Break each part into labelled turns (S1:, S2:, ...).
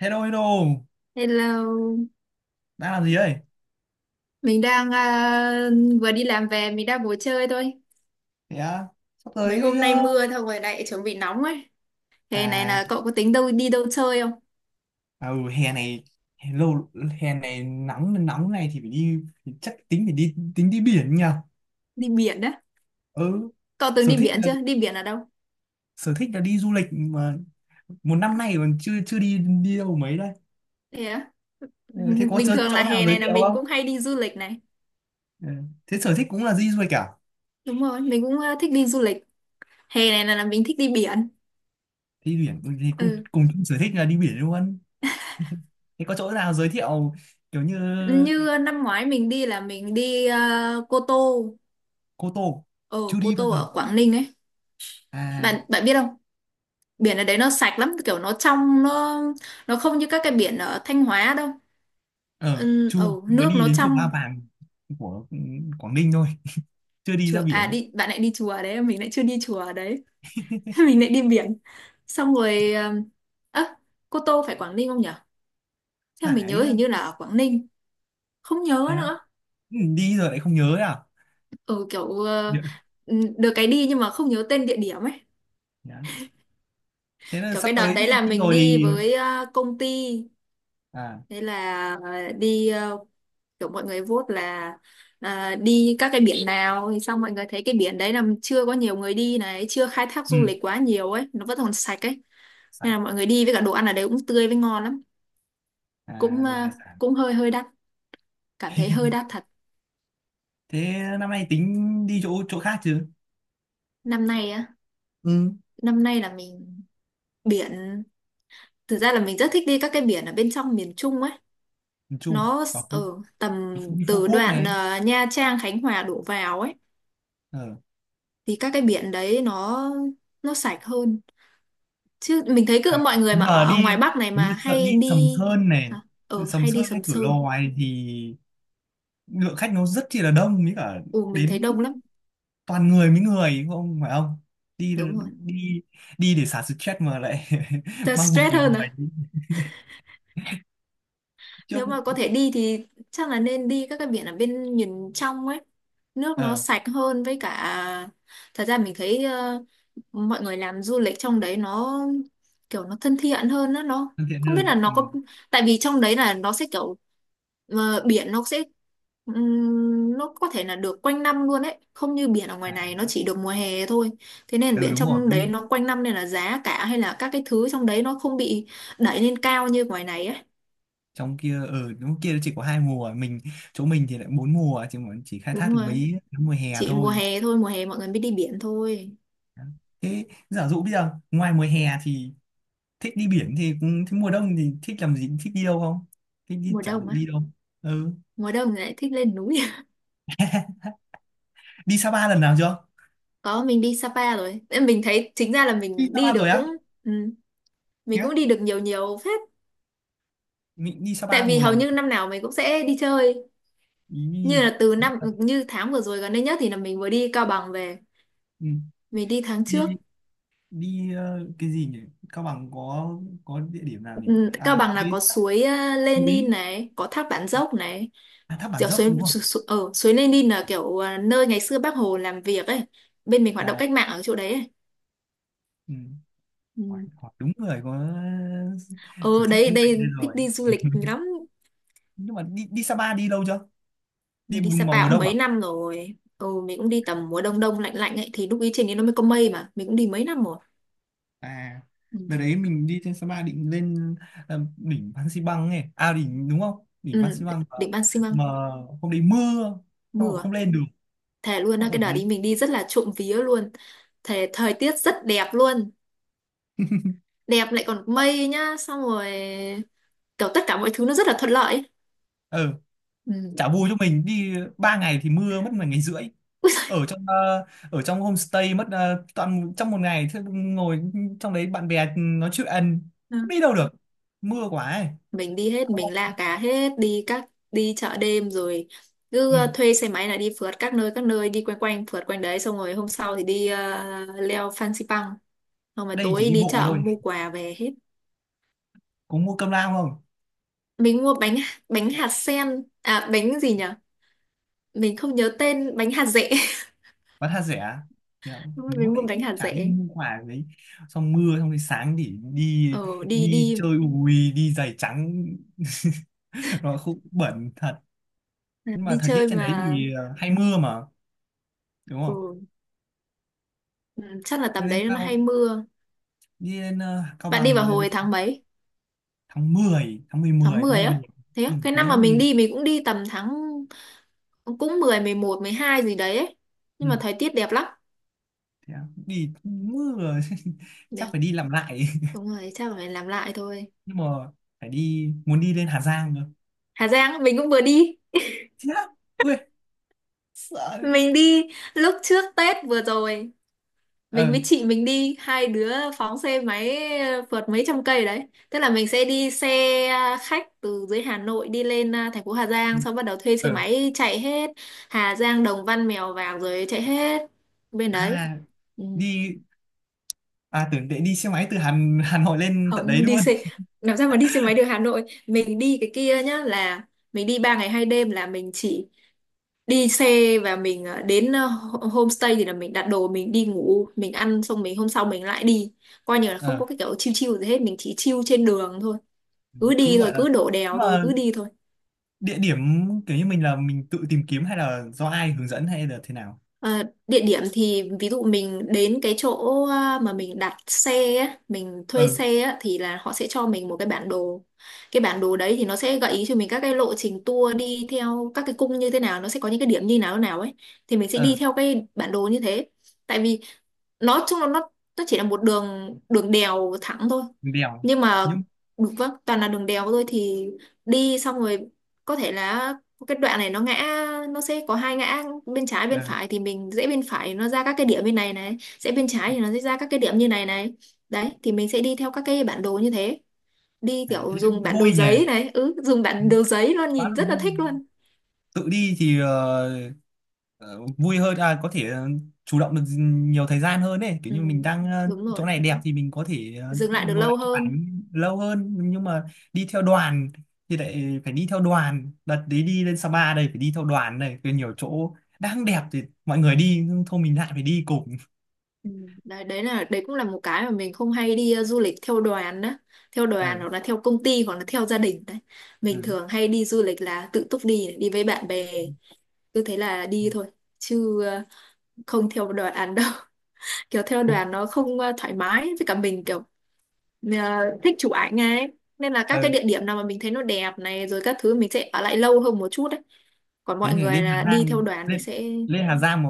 S1: Hello, hello,
S2: Hello,
S1: đang làm gì đây?
S2: mình đang vừa đi làm về, mình đang ngồi chơi thôi.
S1: Thế á, sắp
S2: Mấy
S1: tới,
S2: hôm nay mưa thôi rồi lại chuẩn bị nóng ấy. Thế này
S1: à,
S2: là cậu có tính đâu đi đâu chơi không?
S1: à ừ, hè lâu hè này nắng nóng này thì phải đi thì chắc tính phải đi tính đi biển nhỉ?
S2: Đi biển á?
S1: Ừ,
S2: Cậu từng
S1: sở
S2: đi
S1: thích
S2: biển
S1: là
S2: chưa? Đi biển ở đâu?
S1: sở thích là đi du lịch mà một năm nay còn chưa chưa đi đi đâu mấy đây.
S2: Thế á?
S1: Ừ, thế có
S2: Bình
S1: chỗ,
S2: thường
S1: chỗ
S2: là
S1: nào
S2: hè
S1: giới
S2: này là
S1: thiệu
S2: mình
S1: không?
S2: cũng hay đi du lịch này.
S1: Ừ. Thế sở thích cũng là đi du lịch cả.
S2: Đúng rồi, mình cũng thích đi du lịch. Hè này là mình thích đi biển.
S1: Đi biển ừ, thì cùng,
S2: Ừ.
S1: cùng chung sở thích là đi biển luôn. Thế có chỗ nào giới thiệu kiểu như
S2: Như năm ngoái mình đi là mình đi Cô Tô.
S1: Cô Tô
S2: Ờ,
S1: chưa
S2: Cô
S1: đi bao
S2: Tô
S1: giờ?
S2: ở Quảng Ninh ấy.
S1: À,
S2: Bạn bạn biết không? Biển ở đấy nó sạch lắm, kiểu nó trong, nó không như các cái biển ở Thanh Hóa đâu.
S1: ờ
S2: Ừ,
S1: chưa,
S2: ừ,
S1: mới
S2: nước
S1: đi
S2: nó
S1: đến chỗ Ba
S2: trong.
S1: Vàng của Quảng Ninh thôi, chưa đi ra
S2: Chùa à?
S1: biển.
S2: Đi bạn lại đi chùa đấy, mình lại chưa đi chùa ở đấy. Mình lại đi biển xong rồi, ơ, Cô Tô phải Quảng Ninh không nhỉ? Theo mình
S1: Phải.
S2: nhớ hình như là ở Quảng Ninh. Không nhớ
S1: Thế á?
S2: nữa.
S1: Ừ, đi rồi lại không nhớ à?
S2: Ừ, kiểu
S1: Dạ.
S2: ừ, được cái đi nhưng mà không nhớ tên địa điểm ấy.
S1: Dạ. Thế là
S2: Kiểu
S1: sắp
S2: cái đợt
S1: tới thì
S2: đấy là
S1: đi
S2: mình
S1: rồi
S2: đi
S1: thì.
S2: với công ty.
S1: À.
S2: Thế là đi kiểu mọi người vote là đi các cái biển nào, thì xong mọi người thấy cái biển đấy là chưa có nhiều người đi này, chưa khai thác
S1: Ừ,
S2: du lịch quá nhiều ấy, nó vẫn còn sạch ấy. Nên
S1: phải.
S2: là mọi người đi với cả đồ ăn ở đấy cũng tươi với ngon lắm.
S1: À,
S2: cũng
S1: đồ
S2: à,
S1: hải sản.
S2: cũng hơi hơi đắt, cảm thấy hơi đắt thật.
S1: Thế năm nay tính đi chỗ chỗ khác chứ?
S2: Năm nay á?
S1: Ừ.
S2: Năm nay là mình biển, thực ra là mình rất thích đi các cái biển ở bên trong miền Trung ấy.
S1: Miền Trung,
S2: Nó
S1: vào Phú,
S2: ở tầm,
S1: Đi Phú
S2: từ
S1: Quốc
S2: đoạn
S1: này.
S2: Nha Trang Khánh Hòa đổ vào ấy.
S1: Ờ.
S2: Thì các cái biển đấy nó sạch hơn. Chứ mình thấy
S1: Ừ,
S2: cứ mọi người
S1: nhưng
S2: mà
S1: mà
S2: ở
S1: đi
S2: ngoài Bắc này
S1: nếu
S2: mà
S1: như sợ
S2: hay
S1: đi Sầm
S2: đi.
S1: Sơn này,
S2: Hả? Ờ,
S1: Sầm
S2: hay đi
S1: Sơn hay
S2: Sầm
S1: Cửa
S2: Sơn.
S1: Lò này thì lượng khách nó rất chi là đông, với cả
S2: Ừ, mình thấy
S1: đến
S2: đông lắm.
S1: toàn người với người, không phải không? đi
S2: Đúng rồi.
S1: đi đi để xả stress mà lại
S2: Thật
S1: mang bực
S2: stress
S1: vào
S2: hơn
S1: người
S2: à?
S1: trước.
S2: Nếu mà có thể đi thì chắc là nên đi các cái biển ở bên miền trong ấy, nước nó
S1: Ờ.
S2: sạch hơn với cả. Thật ra mình thấy mọi người làm du lịch trong đấy nó kiểu nó thân thiện hơn đó. Nó
S1: Thân thiện
S2: không biết
S1: hơn,
S2: là
S1: ừ.
S2: nó có, tại vì trong đấy là nó sẽ kiểu biển nó sẽ nó có thể là được quanh năm luôn đấy, không như biển ở ngoài
S1: À,
S2: này nó chỉ được mùa hè thôi. Thế nên
S1: ừ,
S2: biển
S1: đúng rồi.
S2: trong đấy nó quanh năm, nên là giá cả hay là các cái thứ trong đấy nó không bị đẩy lên cao như ngoài này ấy.
S1: Trong kia ở đúng kia nó chỉ có hai mùa, mình chỗ mình thì lại bốn mùa, chỉ khai thác
S2: Đúng
S1: được
S2: rồi.
S1: mấy cái mùa hè
S2: Chị mùa
S1: thôi.
S2: hè thôi, mùa hè mọi người mới đi biển thôi.
S1: Thế giả dụ bây giờ ngoài mùa hè thì thích đi biển thì cũng- thế mùa đông thì thích làm gì, thích đi đâu không? Thích đi
S2: Mùa
S1: giả
S2: đông
S1: dụ
S2: á,
S1: đi đâu? Ừ.
S2: mùa đông thì lại thích lên núi.
S1: Đi Sapa lần nào chưa?
S2: Có, mình đi Sapa rồi. Em mình thấy chính ra là
S1: Đi
S2: mình đi
S1: Sapa
S2: được
S1: rồi
S2: cũng,
S1: á?
S2: ừ, mình cũng
S1: Nhá.
S2: đi được nhiều nhiều phết.
S1: Mình đi
S2: Tại
S1: Sapa
S2: vì
S1: một
S2: hầu
S1: lần.
S2: như năm nào mình cũng sẽ đi chơi. Như
S1: Ý.
S2: là từ năm như tháng vừa rồi gần đây nhất thì là mình vừa đi Cao Bằng về.
S1: Ừ.
S2: Mình đi tháng trước.
S1: Đi, cái gì nhỉ? Cao Bằng có địa điểm nào nhỉ?
S2: Ừ, Cao
S1: À,
S2: Bằng
S1: có
S2: là có
S1: cái tháp
S2: suối Lenin
S1: núi.
S2: này, có thác Bản Dốc này,
S1: À, tháp Bản
S2: kiểu
S1: Dốc
S2: suối
S1: đúng không?
S2: su, su, ở suối Lenin là kiểu nơi ngày xưa Bác Hồ làm việc ấy. Bên mình hoạt động
S1: À,
S2: cách mạng ở chỗ đấy ấy.
S1: ừ.
S2: Ừ.
S1: Hỏi đúng người có sở
S2: Ừ,
S1: thích
S2: đấy
S1: du lịch đây
S2: đây
S1: rồi.
S2: thích đi du lịch lắm.
S1: Nhưng mà đi, Sapa đi lâu chưa?
S2: Mình
S1: Đi
S2: đi
S1: vào
S2: Sapa
S1: mùa
S2: cũng
S1: đông
S2: mấy
S1: à?
S2: năm rồi. Ừ, mình cũng đi tầm mùa đông, đông lạnh lạnh ấy. Thì lúc ý trên đấy nó mới có mây mà. Mình cũng đi mấy năm rồi.
S1: À,
S2: Ừ.
S1: đợt đấy mình đi trên Sapa định lên đỉnh Phan Xi ấy. À, đỉnh đúng không? Đỉnh Phan Xi
S2: Ừ, đỉnh Ban Xi Măng
S1: mà hôm đấy mưa xong rồi
S2: mưa.
S1: không lên được.
S2: Thề luôn
S1: Không
S2: á, cái
S1: ở
S2: đợt đi
S1: gì.
S2: mình đi rất là trộm vía luôn. Thề thời tiết rất đẹp luôn. Đẹp lại còn mây nhá. Xong rồi kiểu tất cả mọi thứ nó rất là thuận lợi ấy. Ừ.
S1: Chả vui, cho mình đi 3 ngày thì mưa mất một ngày rưỡi, ở trong ở trong homestay mất toàn trong một ngày, thế ngồi trong đấy bạn bè nói chuyện không đi đâu được, mưa quá ấy.
S2: Mình đi hết,
S1: Xong
S2: mình
S1: rồi,
S2: la cá hết, đi các đi chợ đêm rồi cứ
S1: ừ,
S2: thuê xe máy là đi phượt các nơi các nơi, đi quanh quanh phượt quanh đấy, xong rồi hôm sau thì đi leo Fansipan Pang, xong rồi
S1: đây chỉ
S2: tối
S1: đi
S2: đi
S1: bộ
S2: chợ
S1: thôi,
S2: mua quà về hết.
S1: có mua cơm lao không,
S2: Mình mua bánh, bánh hạt sen à, bánh gì nhỉ? Mình không nhớ tên, bánh hạt dẻ.
S1: bán tha rẻ. Hiểu không?
S2: Đúng rồi,
S1: Lúc
S2: mình mua
S1: nãy
S2: bánh
S1: cũng
S2: hạt
S1: chả đi
S2: dẻ.
S1: mua quà gì đấy, xong mưa xong rồi sáng thì đi,
S2: Ờ, đi
S1: đi
S2: đi
S1: chơi ui đi giày trắng nó cũng bẩn thật, nhưng mà
S2: đi
S1: thời tiết
S2: chơi
S1: trên đấy
S2: mà.
S1: thì hay mưa mà, đúng không?
S2: Ừ, ừ, chắc là
S1: Cho
S2: tầm
S1: nên
S2: đấy nó hay
S1: tao
S2: mưa.
S1: đi lên Cao
S2: Bạn đi
S1: Bằng
S2: vào
S1: từ
S2: hồi tháng mấy?
S1: tháng mười, tháng mười,
S2: Tháng
S1: tháng
S2: 10
S1: 11,
S2: á? Thế á?
S1: ừ,
S2: Cái
S1: cuối
S2: năm mà
S1: tháng
S2: mình
S1: 11.
S2: đi, mình cũng đi tầm tháng cũng mười mười một mười hai gì đấy ấy.
S1: Ừ.
S2: Nhưng mà thời tiết đẹp lắm.
S1: Thế à? Đi mưa chắc
S2: Đẹp.
S1: phải đi làm lại.
S2: Đúng rồi, chắc là phải làm lại thôi.
S1: Nhưng mà phải đi, muốn đi lên Hà Giang cơ.
S2: Hà Giang, mình cũng vừa đi.
S1: Chết á. Ui, sợ.
S2: Mình đi lúc trước Tết vừa rồi. Mình
S1: Ờ.
S2: với chị mình đi, hai đứa phóng xe máy vượt mấy trăm cây đấy. Tức là mình sẽ đi xe khách từ dưới Hà Nội đi lên thành phố Hà
S1: Ừ.
S2: Giang, xong bắt đầu thuê xe
S1: Ờ.
S2: máy chạy hết. Hà Giang, Đồng Văn, Mèo Vạc rồi chạy hết. Bên đấy.
S1: À,
S2: Ừ.
S1: đi. À, tưởng để đi xe máy từ Hà Hà Nội lên tận
S2: Không,
S1: đấy
S2: đi
S1: luôn.
S2: xe làm sao mà đi xe máy được, Hà Nội mình đi cái kia nhá, là mình đi 3 ngày hai đêm là mình chỉ đi xe và mình đến homestay thì là mình đặt đồ, mình đi ngủ, mình ăn xong mình hôm sau mình lại đi, coi như là không
S1: Ờ,
S2: có cái kiểu chill chill gì hết, mình chỉ chill trên đường thôi. Cứ đi
S1: cứ
S2: thôi,
S1: gọi là
S2: cứ đổ đèo
S1: nhưng
S2: thôi,
S1: mà
S2: cứ đi thôi.
S1: địa điểm kiểu như mình là mình tự tìm kiếm hay là do ai hướng dẫn hay là thế nào?
S2: Ờ, địa điểm thì ví dụ mình đến cái chỗ mà mình đặt xe á, mình
S1: Ờ.
S2: thuê xe á, thì là họ sẽ cho mình một cái bản đồ. Cái bản đồ đấy thì nó sẽ gợi ý cho mình các cái lộ trình tour đi theo các cái cung như thế nào, nó sẽ có những cái điểm như nào nào ấy. Thì mình sẽ đi
S1: Ờ,
S2: theo cái bản đồ như thế. Tại vì nói chung là nó chỉ là một đường đường đèo thẳng thôi.
S1: đèo.
S2: Nhưng mà
S1: Nhưng.
S2: đúng, vâng, toàn là đường đèo thôi thì đi xong rồi, có thể là cái đoạn này nó ngã, nó sẽ có hai ngã bên trái bên phải thì mình dễ bên phải nó ra các cái điểm bên này này, dễ bên trái thì nó sẽ ra các cái điểm như này này, đấy thì mình sẽ đi theo các cái bản đồ như thế. Đi
S1: À,
S2: kiểu
S1: thế thì
S2: dùng
S1: cũng
S2: bản đồ
S1: vui nhỉ.
S2: giấy này, ừ, dùng
S1: Ừ,
S2: bản đồ giấy luôn
S1: quá
S2: nhìn
S1: là
S2: rất là
S1: vui.
S2: thích luôn.
S1: Tự đi thì vui hơn, à có thể chủ động được nhiều thời gian hơn ấy, kiểu
S2: Ừ,
S1: như mình đang
S2: đúng rồi,
S1: chỗ này đẹp thì mình có thể
S2: dừng lại được
S1: ngồi
S2: lâu
S1: lại chụp
S2: hơn.
S1: ảnh lâu hơn, nhưng mà đi theo đoàn thì lại phải đi theo đoàn, đợt đấy đi lên Sapa đây phải đi theo đoàn này. Rồi nhiều chỗ đang đẹp thì mọi người đi nhưng thôi mình lại phải đi cùng.
S2: Ừ, đấy đấy là đấy cũng là một cái mà mình không hay đi du lịch theo đoàn đó, theo đoàn
S1: Ừ.
S2: hoặc là theo công ty hoặc là theo gia đình đấy.
S1: Ừ.
S2: Mình thường hay đi du lịch là tự túc, đi đi với bạn bè, cứ thế là đi thôi, chứ không theo đoàn đâu. Kiểu theo đoàn nó không thoải mái với cả mình, kiểu ờ, thích chụp ảnh ấy, nên là các cái
S1: Ừ.
S2: địa điểm nào mà mình thấy nó đẹp này rồi các thứ, mình sẽ ở lại lâu hơn một chút đấy. Còn
S1: Thế
S2: mọi
S1: này
S2: người
S1: lên Hà
S2: là đi
S1: Giang,
S2: theo đoàn thì
S1: lên
S2: sẽ
S1: lên Hà Giang mà,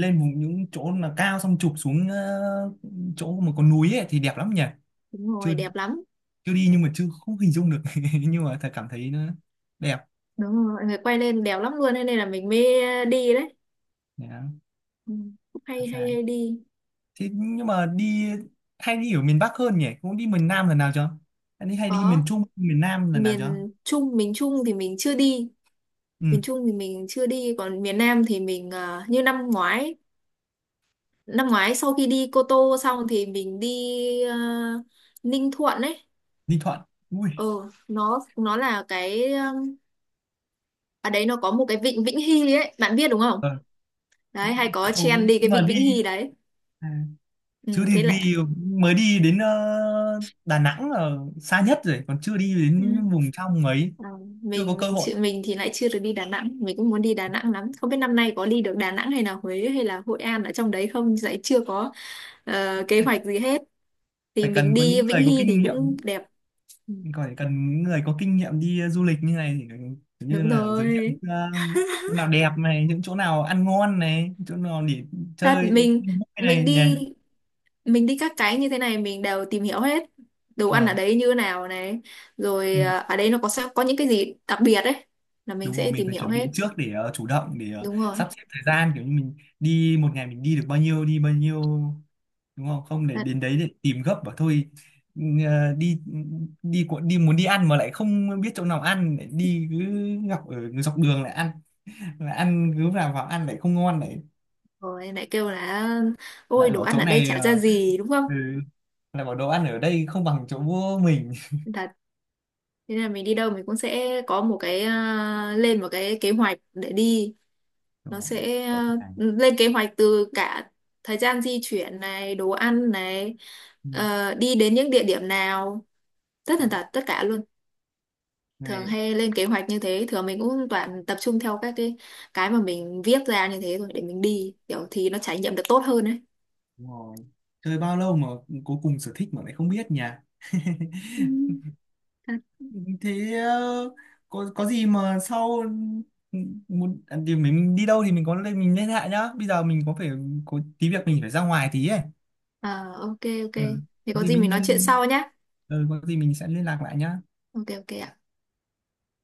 S1: lên vùng những chỗ là cao xong chụp xuống chỗ mà có núi ấy, thì đẹp lắm nhỉ?
S2: đúng
S1: Chưa,
S2: rồi, đẹp lắm.
S1: chưa đi nhưng mà chưa không hình dung được nhưng mà thật cảm thấy nó đẹp.
S2: Đúng rồi, mọi người quay lên đẹp lắm luôn, thế nên là mình mới đi đấy.
S1: Đấy,
S2: Ừ. Cũng
S1: Hà
S2: hay hay
S1: Giang.
S2: hay đi.
S1: Thế nhưng mà đi, hay đi ở miền Bắc hơn nhỉ, cũng đi miền Nam lần nào chưa? Hay đi miền
S2: Có,
S1: Trung miền Nam lần nào chưa?
S2: miền Trung, miền Trung thì mình chưa đi,
S1: Ừ.
S2: miền Trung thì mình chưa đi, còn miền Nam thì mình như năm ngoái, năm ngoái sau khi đi Cô Tô xong thì mình đi ờ, Ninh Thuận ấy.
S1: Ninh Thuận,
S2: ờ
S1: ui.
S2: nó là cái ở đấy nó có một cái vịnh Vĩnh Hy ấy, bạn biết đúng không?
S1: ờ,
S2: Đấy hay có trend
S1: không
S2: đi cái
S1: nhưng mà
S2: vịnh Vĩnh
S1: đi
S2: Hy đấy.
S1: à,
S2: Ừ,
S1: chứ thì
S2: thế là
S1: vì mới đi đến Đà Nẵng là xa nhất rồi, còn chưa đi đến
S2: ừ.
S1: vùng trong ấy.
S2: ờ,
S1: Chưa
S2: mình
S1: có cơ
S2: mình
S1: hội.
S2: chịu, mình thì lại chưa được đi Đà Nẵng, mình cũng muốn đi Đà Nẵng lắm, không biết năm nay có đi được Đà Nẵng hay là Huế hay là Hội An ở trong đấy không, lại chưa có kế hoạch gì hết. Thì
S1: Phải
S2: mình
S1: cần có
S2: đi
S1: những
S2: Vĩnh
S1: người có
S2: Hy
S1: kinh
S2: thì
S1: nghiệm,
S2: cũng đẹp. Ừ,
S1: còn phải cần những người có kinh nghiệm đi du lịch như này thì kiểu như
S2: đúng
S1: là giới thiệu những
S2: rồi.
S1: chỗ nào đẹp này, những chỗ nào ăn ngon này, chỗ nào để
S2: Thật
S1: chơi
S2: mình
S1: vui
S2: mình
S1: này nhỉ.
S2: đi, mình đi các cái như thế này mình đều tìm hiểu hết, đồ ăn ở
S1: Ờ.
S2: đấy như thế nào này,
S1: Ừ.
S2: rồi ở đấy nó có sao có những cái gì đặc biệt đấy, là mình
S1: Đúng rồi,
S2: sẽ
S1: mình
S2: tìm
S1: phải
S2: hiểu
S1: chuẩn
S2: hết.
S1: bị trước để chủ động, để
S2: Đúng rồi.
S1: sắp xếp thời gian kiểu như mình đi một ngày mình đi được bao nhiêu đi bao nhiêu, đúng không? Không để
S2: Thật
S1: đến đấy để tìm gấp bảo thôi. Ừ, đi, đi muốn đi ăn mà lại không biết chỗ nào ăn lại đi cứ gặp ở dọc đường lại ăn, lại ăn cứ vào vào ăn lại không ngon, lại
S2: rồi lại kêu là ôi
S1: lại
S2: đồ
S1: bảo
S2: ăn
S1: chỗ
S2: ở đây
S1: này
S2: chả ra gì, đúng không?
S1: ừ, lại bảo đồ ăn ở đây không bằng chỗ của mình.
S2: Thật. Thế nên là mình đi đâu mình cũng sẽ có một cái lên một cái kế hoạch để đi,
S1: Đúng
S2: nó
S1: rồi,
S2: sẽ
S1: chỗ hàng.
S2: lên kế hoạch từ cả thời gian di chuyển này, đồ ăn này,
S1: Ừ.
S2: đi đến những địa điểm nào, tất tần tật tất cả luôn. Thường
S1: Này,
S2: hay lên kế hoạch như thế, thường mình cũng toàn tập trung theo các cái mà mình viết ra như thế rồi để mình đi, kiểu thì nó trải nghiệm được tốt hơn ấy.
S1: đúng rồi. Chơi bao lâu mà cuối cùng sở thích mà lại không biết nhỉ.
S2: Ừ.
S1: Thế có gì mà sau, ừ, muốn à, thì mình đi đâu thì mình có lên mình liên hệ nhá, bây giờ mình có phải có tí việc mình phải ra ngoài tí ấy.
S2: À, ok ok.
S1: Ừ.
S2: Thì
S1: Có
S2: có
S1: gì
S2: gì
S1: mình
S2: mình nói chuyện
S1: nhân,
S2: sau nhé.
S1: ừ, có gì mình sẽ liên lạc lại nhá
S2: Ok ok ạ.